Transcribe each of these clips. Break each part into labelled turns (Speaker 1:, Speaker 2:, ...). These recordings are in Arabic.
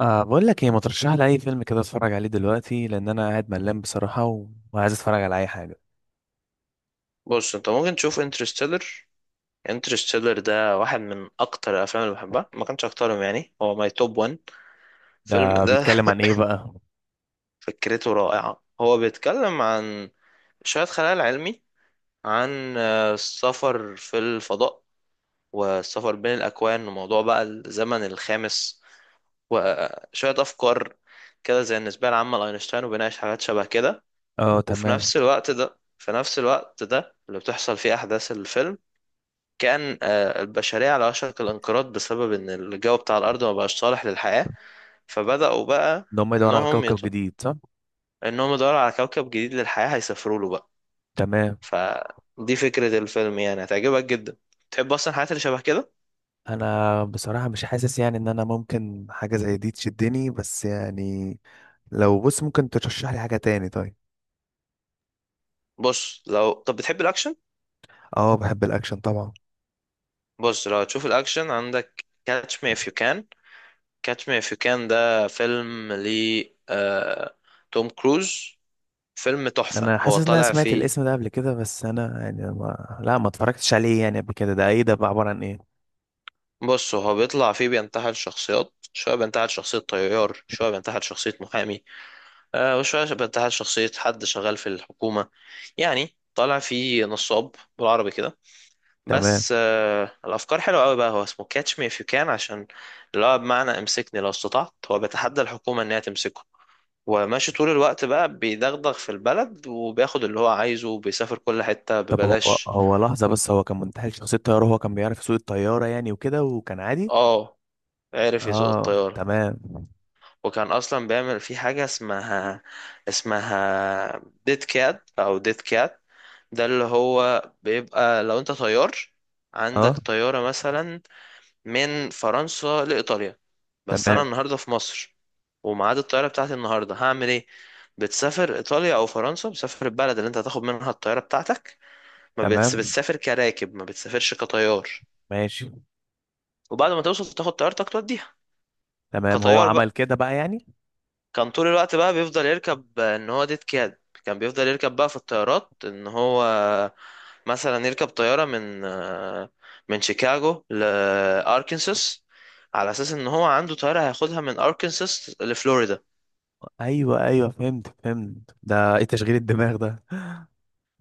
Speaker 1: آه، بقول لك ايه، ما ترشح لي اي فيلم كده اتفرج عليه دلوقتي، لان انا قاعد ملان بصراحه وعايز اتفرج على اي حاجه.
Speaker 2: بص، انت ممكن تشوف انترستيلر. انترستيلر ده واحد من اكتر الافلام اللي بحبها، ما كانش اكترهم يعني، هو ماي توب 1 فيلم
Speaker 1: ده
Speaker 2: ده.
Speaker 1: بيتكلم عن ايه بقى؟
Speaker 2: فكرته رائعة، هو بيتكلم عن شوية خيال علمي، عن السفر في الفضاء، والسفر بين الاكوان، وموضوع بقى الزمن الخامس، وشوية افكار كده زي النسبة العامة لاينشتاين، وبيناقش حاجات شبه كده.
Speaker 1: اه،
Speaker 2: وفي
Speaker 1: تمام.
Speaker 2: نفس الوقت ده اللي بتحصل فيه احداث الفيلم، كان البشرية على وشك الانقراض بسبب إن الجو بتاع الأرض ما بقاش صالح للحياة. فبدأوا بقى،
Speaker 1: ان هم يدوروا على
Speaker 2: إنهم
Speaker 1: كوكب
Speaker 2: يط...
Speaker 1: جديد، صح؟
Speaker 2: إنهم يدوروا على كوكب جديد للحياة، هيسافروا له بقى.
Speaker 1: تمام.
Speaker 2: فدي فكرة الفيلم، يعني هتعجبك جدا، تحب أصلا الحاجات اللي شبه كده.
Speaker 1: انا بصراحه مش حاسس يعني ان انا ممكن حاجه زي دي تشدني، بس يعني لو، بص، ممكن ترشح لي حاجه تاني طيب؟
Speaker 2: بص، لو طب بتحب الأكشن،
Speaker 1: اه، بحب الاكشن طبعا.
Speaker 2: بص لو هتشوف الأكشن، عندك كاتش مي اف يو كان. كاتش مي اف يو كان ده فيلم ل آه... توم كروز، فيلم تحفة
Speaker 1: انا حاسس
Speaker 2: هو
Speaker 1: ان انا
Speaker 2: طالع
Speaker 1: سمعت
Speaker 2: فيه.
Speaker 1: الاسم ده قبل كده، بس انا يعني ما... لا، ما اتفرجتش عليه يعني قبل كده. ده ايه ده بقى؟ عباره عن ايه؟
Speaker 2: بص، هو بيطلع فيه بينتحل شخصيات، شوية بينتحل شخصية طيار، شوية بينتحل شخصية محامي، وشوية بينتحل شخصية حد شغال في الحكومة، يعني طالع فيه نصاب بالعربي كده.
Speaker 1: تمام.
Speaker 2: بس الأفكار حلوة أوي بقى. هو اسمه كاتش مي إف يو كان، عشان اللي هو بمعنى امسكني لو استطعت، هو بيتحدى الحكومة إنها تمسكه، وماشي طول الوقت بقى بيدغدغ في البلد، وبياخد اللي هو عايزه، وبيسافر كل حتة
Speaker 1: طب هو
Speaker 2: ببلاش.
Speaker 1: لحظة بس، هو كان منتحل شخصية طيارة، هو كان بيعرف يسوق الطيارة يعني وكده، وكان عادي؟
Speaker 2: اه، عرف يسوق
Speaker 1: اه،
Speaker 2: الطيارة،
Speaker 1: تمام.
Speaker 2: وكان اصلا بيعمل في حاجه اسمها اسمها ديت كات او ديت كات. ده اللي هو بيبقى لو انت طيار، عندك
Speaker 1: اه،
Speaker 2: طياره مثلا من فرنسا لايطاليا، بس انا
Speaker 1: تمام.
Speaker 2: النهارده في مصر، وميعاد الطياره بتاعتي النهارده، هعمل ايه؟ بتسافر ايطاليا او فرنسا، بتسافر البلد اللي انت هتاخد منها الطياره بتاعتك، ما بتس...
Speaker 1: تمام،
Speaker 2: بتسافر كراكب، ما بتسافرش كطيار.
Speaker 1: ماشي.
Speaker 2: وبعد ما توصل، تاخد طيارتك توديها
Speaker 1: تمام، هو
Speaker 2: كطيار
Speaker 1: عمل
Speaker 2: بقى.
Speaker 1: كده بقى يعني.
Speaker 2: كان طول الوقت بقى بيفضل يركب ان هو ديت كاد، كان بيفضل يركب بقى في الطيارات ان هو مثلا يركب طيارة من شيكاغو لأركنساس، على اساس ان هو عنده طيارة هياخدها من أركنساس لفلوريدا.
Speaker 1: ايوه، ايوه، فهمت، فهمت. ده ايه تشغيل الدماغ ده؟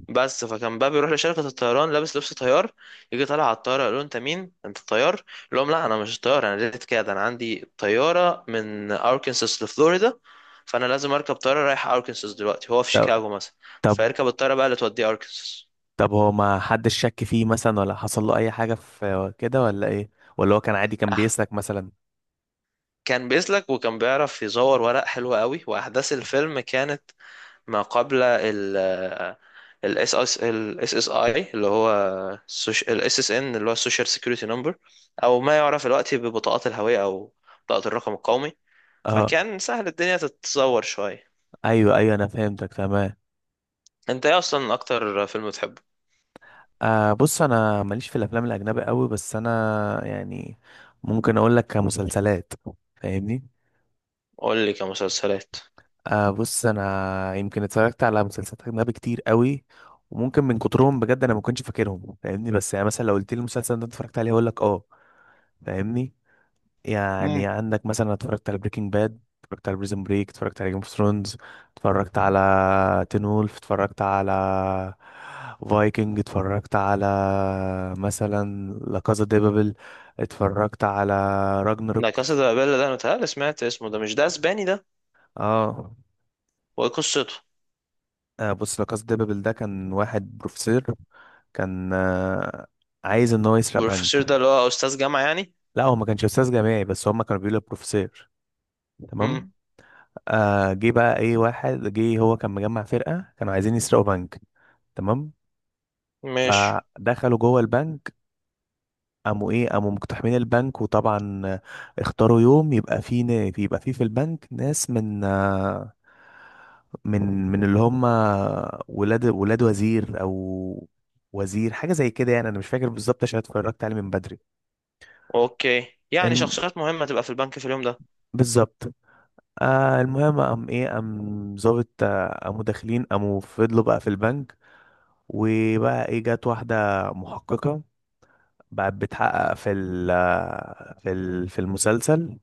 Speaker 2: بس فكان بقى بيروح لشركة الطيران لابس لبس طيار، يجي طالع على الطيارة، يقول له انت مين؟ انت الطيار؟ يقول لهم لا، انا مش طيار، انا ريت كده، انا عندي طيارة من اركنساس لفلوريدا، فانا لازم اركب طيارة رايحة اركنساس دلوقتي، هو في
Speaker 1: طب،
Speaker 2: شيكاغو مثلا،
Speaker 1: طب،
Speaker 2: فيركب الطيارة بقى اللي توديه اركنساس.
Speaker 1: طب، هو ما حدش شك فيه مثلا، ولا حصل له اي حاجة في كده ولا ايه؟ ولا هو كان عادي، كان
Speaker 2: اه،
Speaker 1: بيسلك مثلا؟
Speaker 2: كان بيسلك، وكان بيعرف يزور ورق حلو قوي، واحداث الفيلم كانت ما قبل ال ال SS ال SSI اللي هو السوش- ال SSN اللي هو السوشيال سيكيورتي نمبر، او ما يعرف الوقت ببطاقات الهوية، او بطاقة الرقم القومي،
Speaker 1: اه،
Speaker 2: فكان سهل الدنيا تتزور شوية.
Speaker 1: ايوه، ايوه، انا فهمتك تمام.
Speaker 2: انت ايه اصلا اكتر فيلم بتحبه؟
Speaker 1: آه، بص، انا ماليش في الافلام الاجنبي قوي، بس انا يعني ممكن اقول لك كمسلسلات، فاهمني؟
Speaker 2: قول لي كمسلسلات.
Speaker 1: آه، بص، انا يمكن اتفرجت على مسلسلات اجنبي كتير قوي، وممكن من كترهم بجد انا ما كنتش فاكرهم، فاهمني؟ بس يعني مثلا لو قلت لي المسلسل ده اتفرجت عليه هقول لك اه، فاهمني؟ يعني
Speaker 2: امم.
Speaker 1: عندك مثلا، اتفرجت على بريكنج باد، اتفرجت على بريزن بريك، اتفرجت على جيم اوف ثرونز، اتفرجت على تين وولف، اتفرجت على فايكنج، اتفرجت على مثلا لا كازا دي بابل، اتفرجت على
Speaker 2: لا
Speaker 1: راجنروك.
Speaker 2: كاسا دي بابيل ده، انا متهيألي سمعت اسمه، ده مش ده اسباني ده؟
Speaker 1: اه.
Speaker 2: وايه قصته؟
Speaker 1: بص، لا كازا دي بابل ده كان واحد بروفيسور، كان عايز ان هو يسرق
Speaker 2: بروفيسور
Speaker 1: بنك.
Speaker 2: ده اللي هو استاذ جامعة يعني؟
Speaker 1: لا، هو ما كانش استاذ جامعي، بس هما كانوا بيقولوا بروفيسور.
Speaker 2: امم.
Speaker 1: تمام. آه، جه بقى ايه، واحد جه هو كان مجمع فرقة، كانوا عايزين يسرقوا بنك. تمام.
Speaker 2: ماشي.
Speaker 1: فدخلوا جوه البنك، قاموا ايه، قاموا مقتحمين البنك، وطبعا اختاروا يوم يبقى فيه يبقى فيه في البنك ناس من آه، من من اللي هم ولاد وزير، او وزير حاجة زي كده يعني، انا مش فاكر بالظبط عشان اتفرجت عليه من بدري.
Speaker 2: اوكي، يعني
Speaker 1: الم...
Speaker 2: شخصيات مهمة تبقى في البنك في اليوم ده.
Speaker 1: بالظبط. آه، المهم، قام ايه، قام ظابط، قاموا داخلين، قاموا فضلوا بقى في البنك. وبقى ايه، جت واحدة محققة، بقت بتحقق في المسلسل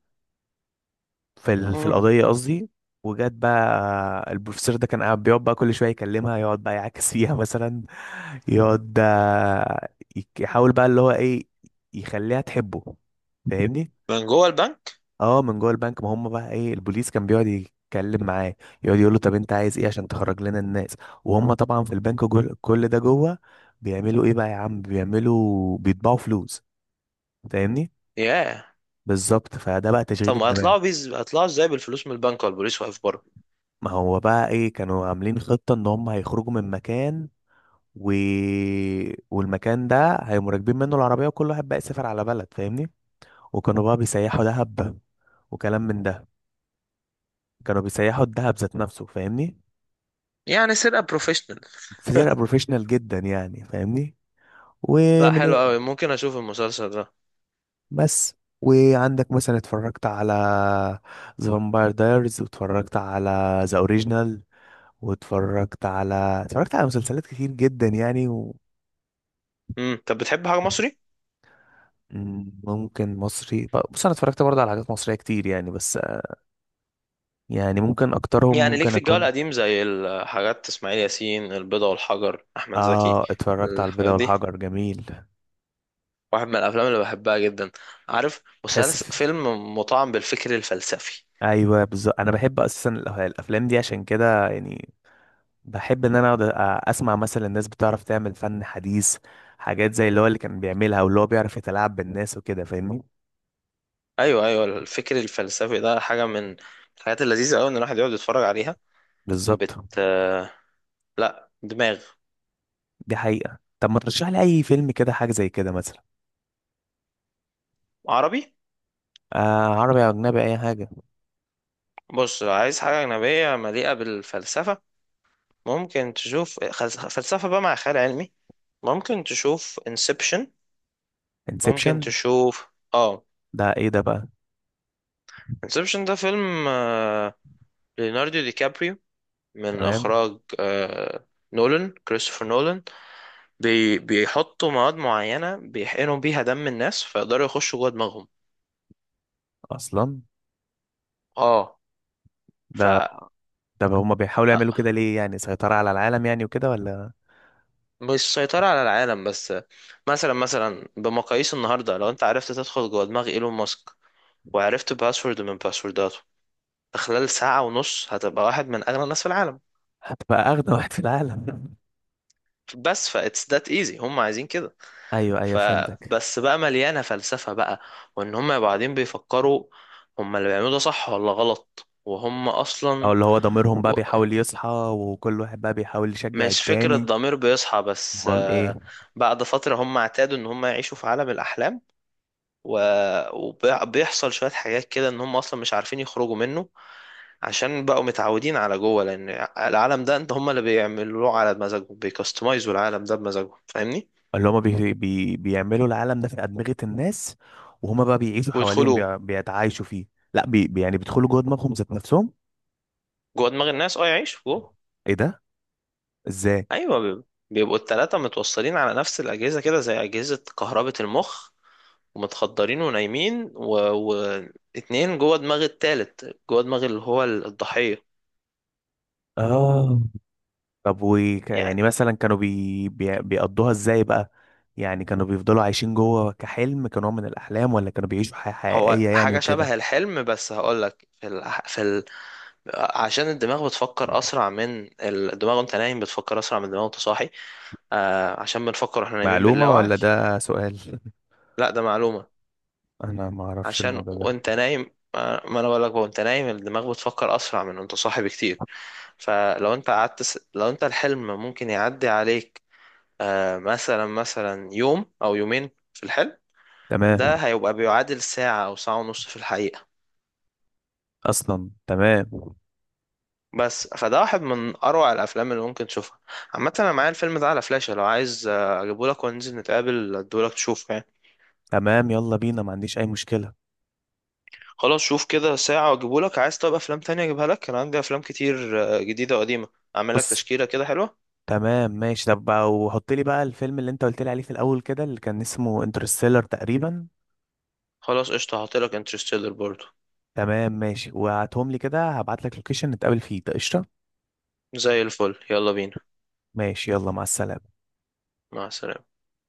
Speaker 1: في
Speaker 2: امم.
Speaker 1: القضية قصدي. وجت بقى البروفيسور ده كان قاعد بيقعد بقى كل شوية يكلمها، يقعد بقى يعاكس فيها مثلا، يقعد يحاول بقى اللي هو ايه، يخليها تحبه، فاهمني؟
Speaker 2: من جوه البنك؟
Speaker 1: اه، من جوه البنك ما هم بقى ايه، البوليس كان بيقعد يتكلم معاه، يقعد يقول له طب انت عايز ايه عشان تخرج لنا الناس. وهم طبعا في البنك، جول كل ده، جوه بيعملوا ايه بقى يا عم، بيعملوا بيطبعوا فلوس، فاهمني؟
Speaker 2: ياه.
Speaker 1: بالظبط، فده بقى تشغيل
Speaker 2: طب ما
Speaker 1: الدماغ.
Speaker 2: هيطلعوا هيطلعوا ازاي بالفلوس من البنك والبوليس واقف بره؟
Speaker 1: ما هو بقى ايه، كانوا عاملين خطة ان هم هيخرجوا من مكان، و... والمكان ده هيقوموا راكبين منه العربية، وكل واحد بقى يسافر على بلد، فاهمني؟ وكانوا بقى بيسيحوا دهب وكلام من ده، كانوا بيسيحوا الدهب ذات نفسه، فاهمني؟
Speaker 2: يعني سرقة بروفيشنال.
Speaker 1: فرقة بروفيشنال جدا يعني، فاهمني؟
Speaker 2: لا،
Speaker 1: ومن
Speaker 2: حلو قوي، ممكن اشوف المسلسل ده.
Speaker 1: بس. وعندك مثلا، اتفرجت على ذا فامباير دايرز، واتفرجت على ذا اوريجينال، واتفرجت على اتفرجت على مسلسلات كتير جدا يعني.
Speaker 2: امم. طب بتحب حاجة مصري؟
Speaker 1: ممكن مصري. بص، انا اتفرجت برضه على حاجات مصرية كتير يعني، بس يعني ممكن اكترهم،
Speaker 2: يعني ليك
Speaker 1: ممكن
Speaker 2: في الجو
Speaker 1: اكون.
Speaker 2: القديم، زي الحاجات، اسماعيل ياسين، البيضة والحجر، احمد زكي،
Speaker 1: اه، اتفرجت على البيضة
Speaker 2: الحاجات دي،
Speaker 1: والحجر، جميل.
Speaker 2: واحد من الافلام اللي بحبها جدا. عارف
Speaker 1: تحس
Speaker 2: مسلسل
Speaker 1: في...
Speaker 2: فيلم مطعم بالفكر الفلسفي؟
Speaker 1: ايوه، بالظبط، انا بحب اساسا الافلام دي، عشان كده يعني بحب ان انا اقعد اسمع مثلا الناس بتعرف تعمل فن حديث، حاجات زي اللي هو اللي كان بيعملها، واللي هو بيعرف يتلاعب بالناس وكده، فاهمني؟
Speaker 2: ايوه ايوه، الفكر الفلسفي ده حاجة من الحاجات اللذيذة قوي ان الواحد يقعد يتفرج عليها.
Speaker 1: بالظبط.
Speaker 2: بت لا دماغ.
Speaker 1: دي حقيقة. طب ما ترشح لي اي فيلم كده، حاجة زي كده مثلا؟
Speaker 2: عربي؟
Speaker 1: آه، عربي او اجنبي، اي حاجة.
Speaker 2: بص، لو عايز حاجة أجنبية مليئة بالفلسفة، ممكن تشوف فلسفة بقى مع خيال علمي، ممكن تشوف انسبشن. ممكن
Speaker 1: انسبشن؟
Speaker 2: تشوف اه
Speaker 1: ده ايه ده بقى؟
Speaker 2: انسبشن ده فيلم ليوناردو دي كابريو، من
Speaker 1: تمام.
Speaker 2: إخراج كريستوفر نولان. بيحطوا مواد معينة، بيحقنوا بيها دم الناس، فيقدروا يخشوا جوه دماغهم.
Speaker 1: اصلا.
Speaker 2: اه. ف
Speaker 1: ده؟
Speaker 2: آه،
Speaker 1: طب هما بيحاولوا يعملوا كده ليه يعني، سيطرة على العالم يعني وكده، ولا؟
Speaker 2: مش سيطرة على العالم بس، مثلا بمقاييس النهاردة، لو انت عرفت تدخل جوه دماغ ايلون ماسك، وعرفت باسورد من باسورداته، خلال ساعة ونص هتبقى واحد من أغنى الناس في العالم.
Speaker 1: هتبقى اغنى واحد في العالم.
Speaker 2: بس فا it's that easy، هم عايزين كده.
Speaker 1: ايوه، ايوه، فهمتك.
Speaker 2: فبس بقى مليانة فلسفة بقى، وإن هم يبقوا قاعدين بيفكروا هم اللي بيعملوه ده صح ولا غلط، وهم
Speaker 1: او
Speaker 2: أصلا
Speaker 1: اللي هو ضميرهم بقى
Speaker 2: و...
Speaker 1: بيحاول يصحى، وكل واحد بقى بيحاول يشجع
Speaker 2: مش فكرة
Speaker 1: التاني.
Speaker 2: ضمير بيصحى، بس
Speaker 1: امال ايه؟
Speaker 2: بعد فترة هم اعتادوا إن هم يعيشوا في عالم الأحلام، و... وبيحصل شوية حاجات كده إن هم أصلا مش عارفين يخرجوا منه، عشان بقوا متعودين على جوه، لان العالم ده انت هم اللي بيعملوه على مزاجهم، بيكستمايزوا العالم ده بمزاجهم، فاهمني.
Speaker 1: اللي هما بي بي بيعملوا العالم ده في أدمغة الناس، وهما بقى بيعيشوا حواليهم،
Speaker 2: ويدخلوا
Speaker 1: بيتعايشوا فيه. لا، يعني بيدخلوا جوه دماغهم ذات نفسهم.
Speaker 2: جوه دماغ الناس، اه يعيشوا جوه.
Speaker 1: ايه ده؟ ازاي؟
Speaker 2: ايوه، بيبقوا التلاتة متوصلين على نفس الاجهزه كده زي اجهزه كهربة المخ، ومتخدرين ونايمين واتنين جوه دماغ التالت، جوه دماغ اللي هو الضحيه.
Speaker 1: اه. طب و... يعني
Speaker 2: يعني
Speaker 1: مثلا كانوا بي بي بيقضوها ازاي بقى؟ يعني كانوا بيفضلوا عايشين جوه كحلم، كنوع من الأحلام، ولا كانوا بيعيشوا حياة
Speaker 2: هو
Speaker 1: حقيقية يعني
Speaker 2: حاجة
Speaker 1: وكده؟
Speaker 2: شبه الحلم، بس هقولك عشان الدماغ بتفكر أسرع من الدماغ وأنت نايم، بتفكر أسرع من الدماغ وأنت صاحي، عشان بنفكر واحنا نايمين باللا
Speaker 1: معلومة
Speaker 2: وعي.
Speaker 1: ولا ده سؤال؟
Speaker 2: لا ده معلومة.
Speaker 1: انا ما اعرفش
Speaker 2: عشان
Speaker 1: الموضوع ده.
Speaker 2: وأنت نايم ما أنا بقولك بقى، وأنت نايم الدماغ بتفكر أسرع من وأنت صاحي بكتير. فلو أنت قعدت لو أنت الحلم ممكن يعدي عليك، مثلا يوم أو يومين في الحلم، ده
Speaker 1: تمام.
Speaker 2: هيبقى بيعادل ساعة أو ساعة ونص في الحقيقة.
Speaker 1: اصلا تمام.
Speaker 2: بس فده واحد من اروع الافلام اللي ممكن تشوفها. عامه انا معايا الفيلم ده على فلاشة، لو عايز اجيبهولك وننزل نتقابل اديهولك تشوفه يعني.
Speaker 1: تمام، يلا بينا، ما عنديش اي مشكلة.
Speaker 2: خلاص، شوف كده ساعه واجيبهولك، عايز طب افلام تانية اجيبها لك؟ انا عندي افلام كتير جديده وقديمه، اعمل لك
Speaker 1: بص.
Speaker 2: تشكيله كده حلوه.
Speaker 1: تمام، ماشي. طب بقى وحط لي بقى الفيلم اللي انت قلت لي عليه في الاول كده، اللي كان اسمه انترستيلر تقريبا.
Speaker 2: خلاص قشطه، هحط لك انترستيلر برضو.
Speaker 1: تمام، ماشي. وهاتهم لي كده، هبعت لك لوكيشن نتقابل فيه، ده قشطه.
Speaker 2: زي الفل، يلا بينا.
Speaker 1: ماشي، يلا، مع السلامه.
Speaker 2: مع السلامه.